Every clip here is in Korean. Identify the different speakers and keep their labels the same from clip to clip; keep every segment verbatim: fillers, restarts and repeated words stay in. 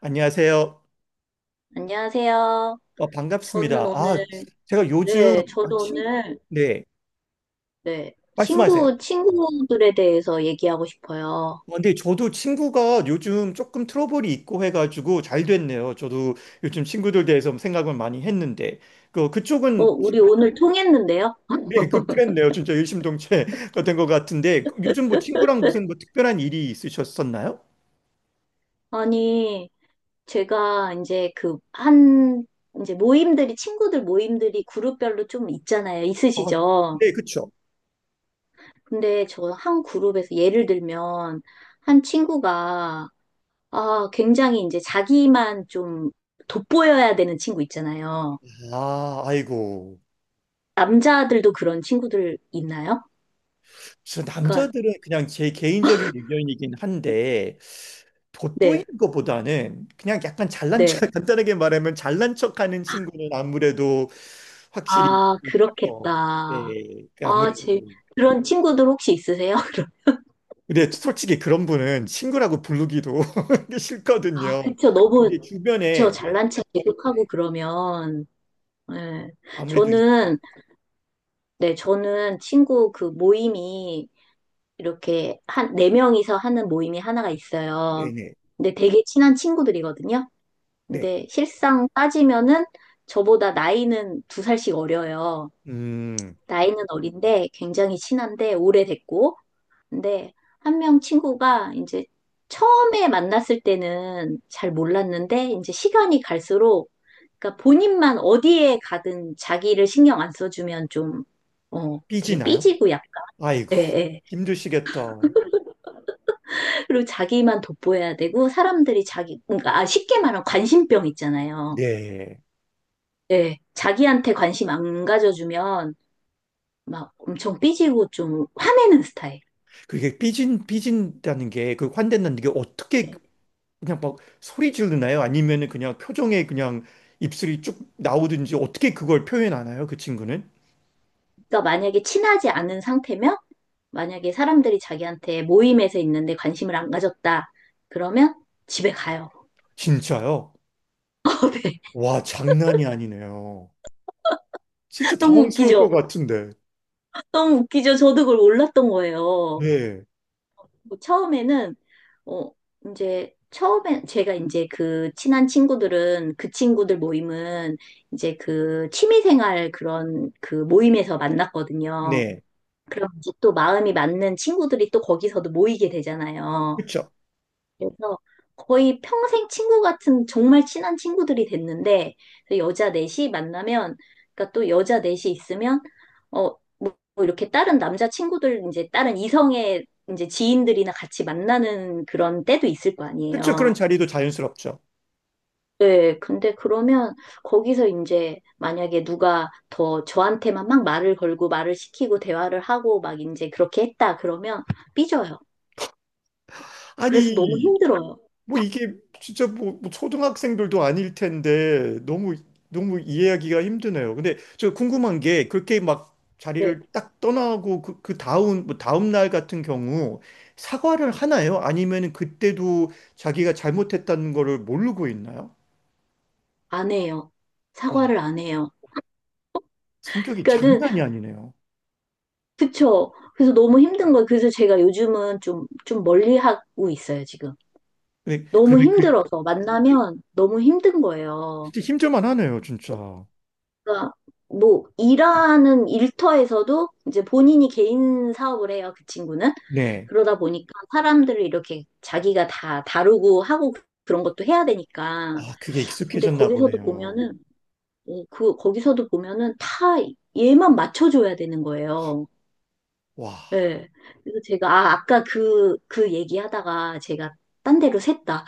Speaker 1: 안녕하세요.
Speaker 2: 안녕하세요.
Speaker 1: 어,
Speaker 2: 저는
Speaker 1: 반갑습니다.
Speaker 2: 오늘,
Speaker 1: 아, 제가 요즘,
Speaker 2: 네,
Speaker 1: 아,
Speaker 2: 저도
Speaker 1: 친,
Speaker 2: 오늘,
Speaker 1: 네,
Speaker 2: 네,
Speaker 1: 말씀하세요.
Speaker 2: 친구, 친구들에 대해서 얘기하고 싶어요.
Speaker 1: 어, 근데 저도 친구가 요즘 조금 트러블이 있고 해가지고 잘 됐네요. 저도 요즘 친구들 대해서 뭐 생각을 많이 했는데, 그,
Speaker 2: 어,
Speaker 1: 그쪽은,
Speaker 2: 우리 오늘 통했는데요?
Speaker 1: 네, 그, 그랬네요. 진짜 일심동체가 된 것 같은데, 그, 요즘 뭐 친구랑 무슨 뭐 특별한 일이 있으셨었나요?
Speaker 2: 아니, 제가 이제 그, 한, 이제 모임들이, 친구들 모임들이 그룹별로 좀 있잖아요.
Speaker 1: 아,
Speaker 2: 있으시죠?
Speaker 1: 네, 그쵸.
Speaker 2: 근데 저 한 그룹에서 예를 들면, 한 친구가, 아, 굉장히 이제 자기만 좀 돋보여야 되는 친구 있잖아요.
Speaker 1: 아, 아이고.
Speaker 2: 남자들도 그런 친구들 있나요?
Speaker 1: 그래서
Speaker 2: 그러니까
Speaker 1: 남자들은 그냥 제 개인적인 의견이긴 한데 돋보이는
Speaker 2: 네,
Speaker 1: 것보다는 그냥 약간 잘난
Speaker 2: 네.
Speaker 1: 척 간단하게 말하면 잘난 척하는 친구는 아무래도 확실히
Speaker 2: 아,
Speaker 1: 있죠.
Speaker 2: 그렇겠다.
Speaker 1: 네, 그
Speaker 2: 아,
Speaker 1: 아무래도
Speaker 2: 제 그런 친구들 혹시 있으세요? 그럼.
Speaker 1: 근데 솔직히 그런 분은 친구라고 부르기도
Speaker 2: 아,
Speaker 1: 싫거든요.
Speaker 2: 그쵸. 너무
Speaker 1: 근데
Speaker 2: 그쵸.
Speaker 1: 주변에
Speaker 2: 잘난 체 계속하고
Speaker 1: 네.
Speaker 2: 그러면 네.
Speaker 1: 아무래도 있.
Speaker 2: 저는 네, 저는 친구 그 모임이 이렇게 한 네 명이서 하는 모임이 하나가
Speaker 1: 네네
Speaker 2: 있어요.
Speaker 1: 네.
Speaker 2: 근데 되게 친한 친구들이거든요.
Speaker 1: 네.
Speaker 2: 근데 실상 따지면은 저보다 나이는 두 살씩 어려요.
Speaker 1: 음
Speaker 2: 나이는 어린데 굉장히 친한데 오래됐고 근데 한 명 친구가 이제 처음에 만났을 때는 잘 몰랐는데 이제 시간이 갈수록 그러니까 본인만 어디에 가든 자기를 신경 안 써주면 좀 어, 되게
Speaker 1: 삐지나요?
Speaker 2: 삐지고 약간
Speaker 1: 아이고,
Speaker 2: 예, 예.
Speaker 1: 힘드시겠다.
Speaker 2: 그리고 자기만 돋보여야 되고 사람들이 자기 그러니까 아, 쉽게 말하면 관심병 있잖아요.
Speaker 1: 네.
Speaker 2: 예. 자기한테 관심 안 가져주면 막 엄청 삐지고 좀 화내는 스타일.
Speaker 1: 그게 삐진, 삐진다는 게, 그 환대는 게 어떻게
Speaker 2: 예.
Speaker 1: 그냥 막 소리 지르나요? 아니면은 그냥 표정에 그냥 입술이 쭉 나오든지 어떻게 그걸 표현하나요? 그 친구는?
Speaker 2: 그러니까 만약에 친하지 않은 상태면 만약에 사람들이 자기한테 모임에서 있는데 관심을 안 가졌다. 그러면 집에 가요.
Speaker 1: 진짜요?
Speaker 2: 네.
Speaker 1: 와, 장난이 아니네요. 진짜
Speaker 2: 너무
Speaker 1: 당황스러울
Speaker 2: 웃기죠?
Speaker 1: 것 같은데.
Speaker 2: 너무 웃기죠? 저도 그걸 몰랐던 거예요.
Speaker 1: 네.
Speaker 2: 뭐 처음에는, 어, 이제, 처음에 제가 이제 그 친한 친구들은 그 친구들 모임은 이제 그 취미생활 그런 그 모임에서 만났거든요.
Speaker 1: 네.
Speaker 2: 그럼 이제 또 마음이 맞는 친구들이 또 거기서도 모이게 되잖아요.
Speaker 1: 그쵸.
Speaker 2: 그래서 거의 평생 친구 같은 정말 친한 친구들이 됐는데 그래서 여자 넷이 만나면 그러니까 또 여자 넷이 있으면 어뭐 이렇게 다른 남자 친구들 이제 다른 이성의 이제 지인들이나 같이 만나는 그런 때도 있을 거
Speaker 1: 그쵸. 그런
Speaker 2: 아니에요.
Speaker 1: 자리도 자연스럽죠.
Speaker 2: 네, 근데 그러면 거기서 이제 만약에 누가 더 저한테만 막 말을 걸고 말을 시키고 대화를 하고 막 이제 그렇게 했다 그러면 삐져요. 그래서 너무
Speaker 1: 아니,
Speaker 2: 힘들어요.
Speaker 1: 뭐 이게 진짜 뭐, 뭐 초등학생들도 아닐 텐데 너무 너무 이해하기가 힘드네요. 근데 저 궁금한 게 그렇게 막
Speaker 2: 네,
Speaker 1: 자리를 딱 떠나고 그, 그 다음 뭐 다음 날 같은 경우 사과를 하나요? 아니면 그때도 자기가 잘못했다는 거를 모르고 있나요?
Speaker 2: 안 해요.
Speaker 1: 와,
Speaker 2: 사과를 안 해요.
Speaker 1: 성격이
Speaker 2: 그러니까는
Speaker 1: 장난이 아니네요.
Speaker 2: 그쵸. 그래서 너무 힘든 거예요. 그래서 제가 요즘은 좀 좀 멀리 하고 있어요, 지금.
Speaker 1: 근데
Speaker 2: 너무
Speaker 1: 그러면 그,
Speaker 2: 힘들어서 만나면 너무 힘든 거예요.
Speaker 1: 진짜 힘들만 하네요, 진짜.
Speaker 2: 그러니까 뭐 일하는 일터에서도 이제 본인이 개인 사업을 해요, 그 친구는.
Speaker 1: 네.
Speaker 2: 그러다 보니까 사람들을 이렇게 자기가 다 다루고 하고 그런 것도 해야 되니까.
Speaker 1: 아, 그게
Speaker 2: 근데
Speaker 1: 익숙해졌나
Speaker 2: 거기서도
Speaker 1: 보네요.
Speaker 2: 보면은 어, 그 거기서도 보면은 다 얘만 맞춰줘야 되는 거예요.
Speaker 1: 와,
Speaker 2: 예. 그래서 제가, 아, 아까 그, 그 얘기하다가 제가 딴 데로 샜다.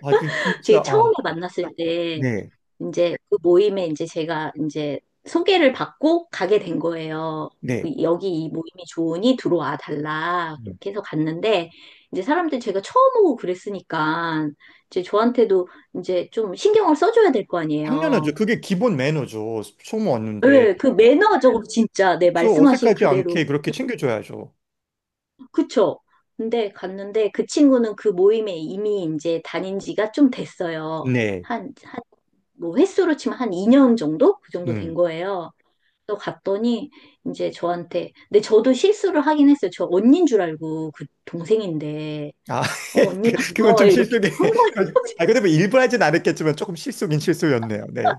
Speaker 1: 아, 그 진짜
Speaker 2: 제가
Speaker 1: 아,
Speaker 2: 처음에 만났을 때,
Speaker 1: 네,
Speaker 2: 이제 그 모임에 이제 제가 이제 소개를 받고 가게 된 거예요.
Speaker 1: 네.
Speaker 2: 그 여기 이 모임이 좋으니 들어와 달라.
Speaker 1: 음.
Speaker 2: 그렇게 해서 갔는데, 이제 사람들이 제가 처음 오고 그랬으니까, 이제 저한테도 이제 좀 신경을 써줘야 될 거 아니에요.
Speaker 1: 당연하죠. 그게 기본 매너죠. 처음 왔는데.
Speaker 2: 예, 그 매너적으로 진짜, 네,
Speaker 1: 저
Speaker 2: 말씀하신
Speaker 1: 어색하지
Speaker 2: 그대로
Speaker 1: 않게 그렇게 챙겨줘야죠.
Speaker 2: 그쵸? 근데 갔는데 그 친구는 그 모임에 이미 이제 다닌 지가 좀 됐어요.
Speaker 1: 네.
Speaker 2: 한, 한, 뭐 횟수로 치면 한 이 년 정도? 그 정도 된
Speaker 1: 음.
Speaker 2: 거예요. 또 갔더니 이제 저한테, 근데 저도 실수를 하긴 했어요. 저 언니인 줄 알고 그 동생인데,
Speaker 1: 아,
Speaker 2: 어, 언니
Speaker 1: 그- 그건 좀
Speaker 2: 반가워요. 이렇게
Speaker 1: 실속이.
Speaker 2: 한 거예요.
Speaker 1: 아, 근데 뭐 일부러 하진 않았겠지만 조금 실속인 실수였네요. 네.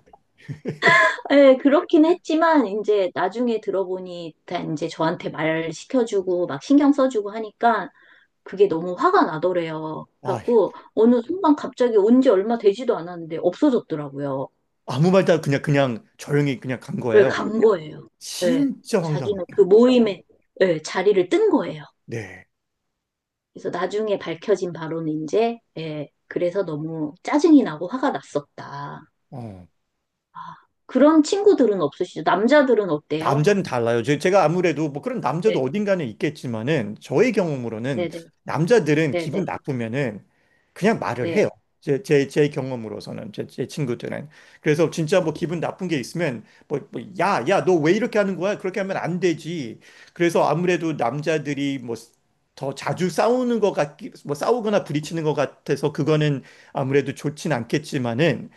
Speaker 2: 예, 그렇긴 했지만, 이제 나중에 들어보니 다 이제 저한테 말 시켜주고 막 신경 써주고 하니까 그게 너무 화가 나더래요.
Speaker 1: 아,
Speaker 2: 그래갖고 어느 순간 갑자기 온 지 얼마 되지도 않았는데 없어졌더라고요.
Speaker 1: 아무 말도 안- 그냥, 그냥 조용히 그냥 간
Speaker 2: 그
Speaker 1: 거예요.
Speaker 2: 간 거예요. 네,
Speaker 1: 진짜
Speaker 2: 자기는
Speaker 1: 황당했다.
Speaker 2: 그 모임에 네, 자리를 뜬 거예요.
Speaker 1: 네.
Speaker 2: 그래서 나중에 밝혀진 바로는 이제 예, 그래서 너무 짜증이 나고 화가 났었다.
Speaker 1: 어.
Speaker 2: 아, 그런 친구들은 없으시죠? 남자들은 어때요?
Speaker 1: 남자는 달라요. 제- 제가 아무래도 뭐 그런 남자도
Speaker 2: 네,
Speaker 1: 어딘가는 있겠지만은 저의 경험으로는
Speaker 2: 네, 네,
Speaker 1: 남자들은
Speaker 2: 네,
Speaker 1: 기분
Speaker 2: 네,
Speaker 1: 나쁘면은 그냥 말을 해요.
Speaker 2: 네,
Speaker 1: 제, 제, 제 경험으로서는 제, 제 친구들은 그래서 진짜 뭐 기분 나쁜 게 있으면 뭐, 뭐 야, 야, 너 왜 이렇게 하는 거야? 그렇게 하면 안 되지. 그래서 아무래도 남자들이 뭐 더 자주 싸우는 것 같기, 뭐 싸우거나 부딪히는 것 같아서 그거는 아무래도 좋진 않겠지만은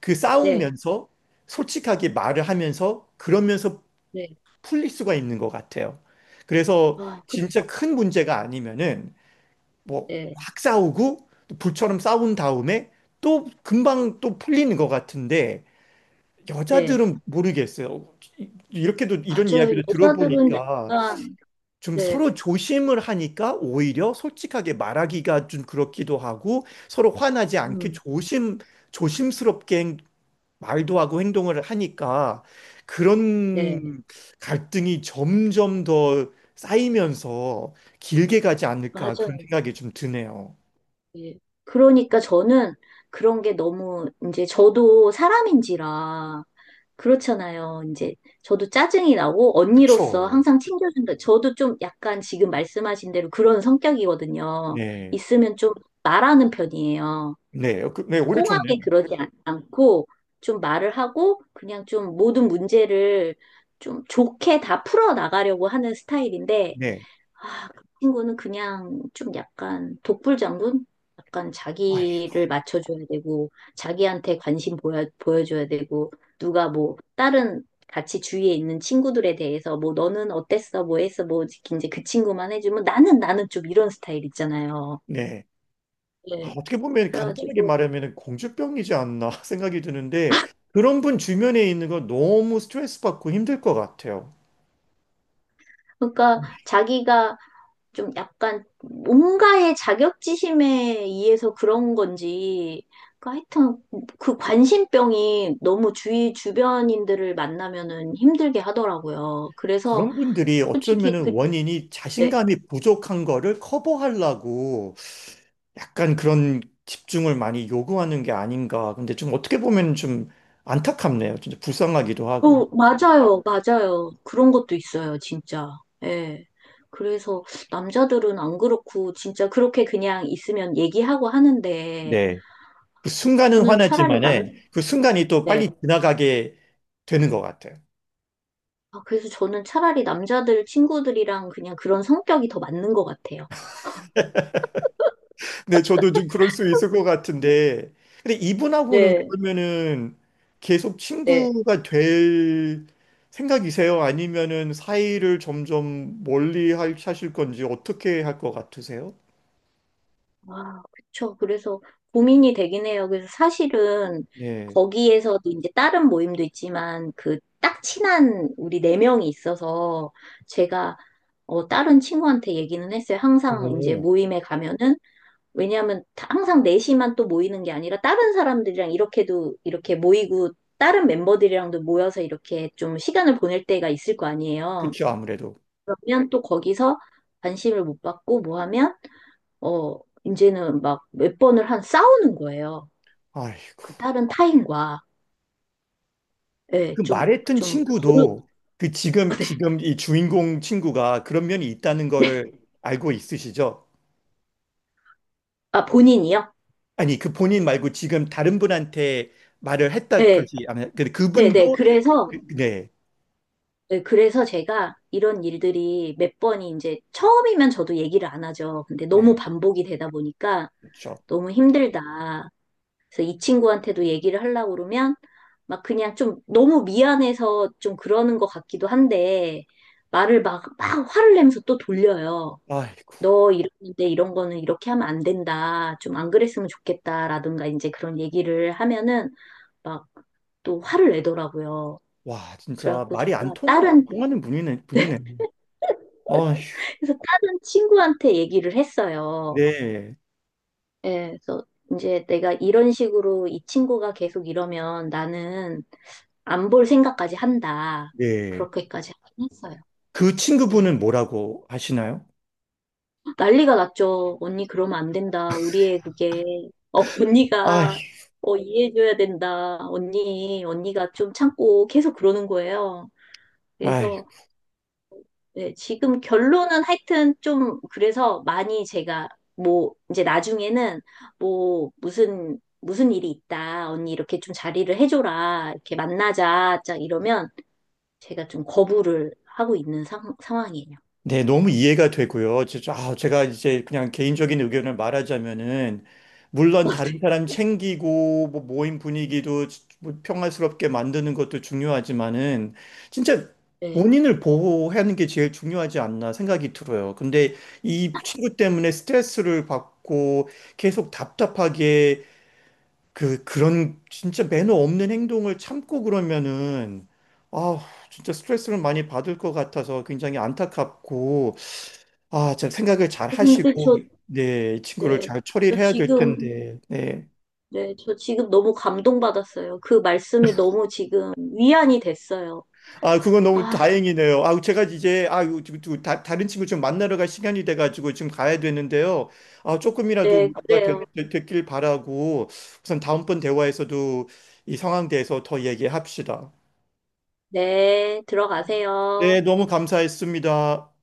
Speaker 1: 그
Speaker 2: 네,
Speaker 1: 싸우면서 솔직하게 말을 하면서 그러면서
Speaker 2: 네.
Speaker 1: 풀릴 수가 있는 것 같아요. 그래서
Speaker 2: 아, 그쵸.
Speaker 1: 진짜 큰 문제가 아니면은 뭐
Speaker 2: 네,
Speaker 1: 확 싸우고 또 불처럼 싸운 다음에 또 금방 또 풀리는 것 같은데
Speaker 2: 네.
Speaker 1: 여자들은 모르겠어요. 이- 이렇게도 이런
Speaker 2: 맞아요.
Speaker 1: 이야기를
Speaker 2: 여자들은
Speaker 1: 들어보니까
Speaker 2: 약간,
Speaker 1: 좀
Speaker 2: 네,
Speaker 1: 서로 조심을 하니까 오히려 솔직하게 말하기가 좀 그렇기도 하고 서로 화나지 않게
Speaker 2: 음,
Speaker 1: 조심 조심스럽게 말도 하고 행동을 하니까
Speaker 2: 네.
Speaker 1: 그런 갈등이 점점 더 쌓이면서 길게 가지 않을까 그런
Speaker 2: 맞아요.
Speaker 1: 생각이 좀 드네요.
Speaker 2: 예. 그러니까 저는 그런 게 너무 이제 저도 사람인지라 그렇잖아요. 이제 저도 짜증이 나고 언니로서
Speaker 1: 그쵸?
Speaker 2: 항상 챙겨준다. 저도 좀 약간 지금 말씀하신 대로 그런 성격이거든요.
Speaker 1: 네.
Speaker 2: 있으면 좀 말하는 편이에요.
Speaker 1: 네. 그- 네. 오히려 좋네요.
Speaker 2: 꽁하게 그러지 않- 않고 좀 말을 하고 그냥 좀 모든 문제를 좀 좋게 다 풀어 나가려고 하는 스타일인데
Speaker 1: 네.
Speaker 2: 아, 그 친구는 그냥 좀 약간 독불장군? 약간
Speaker 1: 아휴,
Speaker 2: 자기를 맞춰줘야 되고, 자기한테 관심 보여, 보여줘야 되고, 누가 뭐, 다른 같이 주위에 있는 친구들에 대해서 뭐, 너는 어땠어? 뭐 했어? 뭐, 이제 그 친구만 해주면 나는, 나는 좀 이런 스타일 있잖아요.
Speaker 1: 네. 아,
Speaker 2: 네.
Speaker 1: 어떻게 보면 간단하게
Speaker 2: 그래가지고,
Speaker 1: 말하면 공주병이지 않나 생각이 드는데 그런 분 주변에 있는 거 너무 스트레스 받고 힘들 것 같아요.
Speaker 2: 그러니까 자기가 좀 약간 뭔가의 자격지심에 의해서 그런 건지, 그 하여튼 그 관심병이 너무 주위 주변인들을 만나면은 힘들게 하더라고요. 그래서
Speaker 1: 그런 분들이
Speaker 2: 솔직히
Speaker 1: 어쩌면은
Speaker 2: 그,
Speaker 1: 원인이
Speaker 2: 네.
Speaker 1: 자신감이 부족한 거를 커버하려고 약간 그런 집중을 많이 요구하는 게 아닌가. 근데 좀 어떻게 보면 좀 안타깝네요. 진짜 불쌍하기도 하고.
Speaker 2: 어, 맞아요, 맞아요. 그런 것도 있어요, 진짜. 예. 그래서 남자들은 안 그렇고, 진짜 그렇게 그냥 있으면 얘기하고 하는데,
Speaker 1: 네. 그 순간은
Speaker 2: 저는 차라리 남,
Speaker 1: 화나지만은 그 순간이 또
Speaker 2: 때
Speaker 1: 빨리 지나가게 되는 것 같아요.
Speaker 2: 아, 그래서 저는 차라리 남자들 친구들이랑 그냥 그런 성격이 더 맞는 것 같아요.
Speaker 1: 네, 저도 좀 그럴 수 있을 것 같은데. 근데 이분하고는
Speaker 2: 네,
Speaker 1: 그러면은 계속
Speaker 2: 네,
Speaker 1: 친구가 될 생각이세요? 아니면은 사이를 점점 멀리 할- 하실 건지 어떻게 할 것 같으세요?
Speaker 2: 아, 그쵸. 그래서 고민이 되긴 해요. 그래서 사실은
Speaker 1: 네.
Speaker 2: 거기에서도 이제 다른 모임도 있지만 그 딱 친한 우리 네 명이 있어서 제가 어, 다른 친구한테 얘기는 했어요. 항상 이제
Speaker 1: 오,
Speaker 2: 모임에 가면은 왜냐하면 항상 넷이만 또 모이는 게 아니라 다른 사람들이랑 이렇게도 이렇게 모이고 다른 멤버들이랑도 모여서 이렇게 좀 시간을 보낼 때가 있을 거 아니에요.
Speaker 1: 그렇죠. 아무래도.
Speaker 2: 그러면 또 거기서 관심을 못 받고 뭐 하면 어 이제는 막 몇 번을 한 싸우는 거예요.
Speaker 1: 아휴.
Speaker 2: 그 다른 타인과
Speaker 1: 그
Speaker 2: 예, 좀,
Speaker 1: 말했던
Speaker 2: 좀 버릇
Speaker 1: 친구도 그 지금
Speaker 2: 네.
Speaker 1: 지금 이 주인공 친구가 그런 면이 있다는
Speaker 2: 네.
Speaker 1: 거를 알고 있으시죠?
Speaker 2: 아 본인이요?
Speaker 1: 아니 그 본인 말고 지금 다른 분한테 말을 했다
Speaker 2: 네,
Speaker 1: 그러지 않아요? 근데
Speaker 2: 네, 네.
Speaker 1: 그분도
Speaker 2: 그래서
Speaker 1: 그- 네,
Speaker 2: 네, 그래서 제가 이런 일들이 몇 번이 이제 처음이면 저도 얘기를 안 하죠. 근데 너무
Speaker 1: 네,
Speaker 2: 반복이 되다 보니까
Speaker 1: 그렇죠.
Speaker 2: 너무 힘들다. 그래서 이 친구한테도 얘기를 하려고 그러면 막 그냥 좀 너무 미안해서 좀 그러는 것 같기도 한데 말을 막, 막 화를 내면서 또 돌려요.
Speaker 1: 아이고,
Speaker 2: 너 이러는데 이런 거는 이렇게 하면 안 된다. 좀 안 그랬으면 좋겠다라든가 이제 그런 얘기를 하면은 막 또 화를 내더라고요.
Speaker 1: 와 진짜
Speaker 2: 그래갖고
Speaker 1: 말이 안
Speaker 2: 제가
Speaker 1: 통하,
Speaker 2: 다른
Speaker 1: 통하는 분이네, 분이네. 아휴,
Speaker 2: 그래서 다른 친구한테 얘기를 했어요.
Speaker 1: 네,
Speaker 2: 예, 그래서 이제 내가 이런 식으로 이 친구가 계속 이러면 나는 안 볼 생각까지 한다.
Speaker 1: 네.
Speaker 2: 그렇게까지 하긴 했어요.
Speaker 1: 그
Speaker 2: 예.
Speaker 1: 친구분은 뭐라고 하시나요?
Speaker 2: 난리가 났죠. 언니 그러면 안 된다. 우리의 그게 어,
Speaker 1: 아휴,
Speaker 2: 언니가 어, 이해해줘야 된다. 언니, 언니가 좀 참고 계속 그러는 거예요.
Speaker 1: 아휴.
Speaker 2: 그래서 네, 지금 결론은 하여튼 좀 그래서 많이 제가 뭐 이제 나중에는 뭐 무슨 무슨 일이 있다 언니 이렇게 좀 자리를 해줘라 이렇게 만나자 짝 이러면 제가 좀 거부를 하고 있는 상, 상황이에요.
Speaker 1: 네, 너무 이해가 되고요. 제- 아, 제가 이제 그냥 개인적인 의견을 말하자면은, 물론 다른 사람 챙기고, 뭐 모임 분위기도 뭐 평화스럽게 만드는 것도 중요하지만은, 진짜
Speaker 2: 네.
Speaker 1: 본인을 보호하는 게 제일 중요하지 않나 생각이 들어요. 근데 이 친구 때문에 스트레스를 받고 계속 답답하게 그, 그런 진짜 매너 없는 행동을 참고 그러면은, 아, 진짜 스트레스를 많이 받을 것 같아서 굉장히 안타깝고, 아, 참 생각을 잘
Speaker 2: 근데
Speaker 1: 하시고,
Speaker 2: 저,
Speaker 1: 네, 이 친구를
Speaker 2: 네.
Speaker 1: 잘 처리를
Speaker 2: 저
Speaker 1: 해야 될
Speaker 2: 지금,
Speaker 1: 텐데, 네.
Speaker 2: 네. 저 지금 너무 감동받았어요. 그 말씀이 너무 지금 위안이 됐어요.
Speaker 1: 아, 그건 너무
Speaker 2: 아,
Speaker 1: 다행이네요. 아, 제가 이제, 아, 이거 지금 또 다, 다른 친구 좀 만나러 갈 시간이 돼가지고 지금 가야 되는데요. 아, 조금이라도
Speaker 2: 네.
Speaker 1: 위로가
Speaker 2: 그래요.
Speaker 1: 되, 되, 됐길 바라고, 우선 다음번 대화에서도 이 상황에 대해서 더 얘기합시다.
Speaker 2: 네.
Speaker 1: 어, 네,
Speaker 2: 들어가세요.
Speaker 1: 너무 감사했습니다.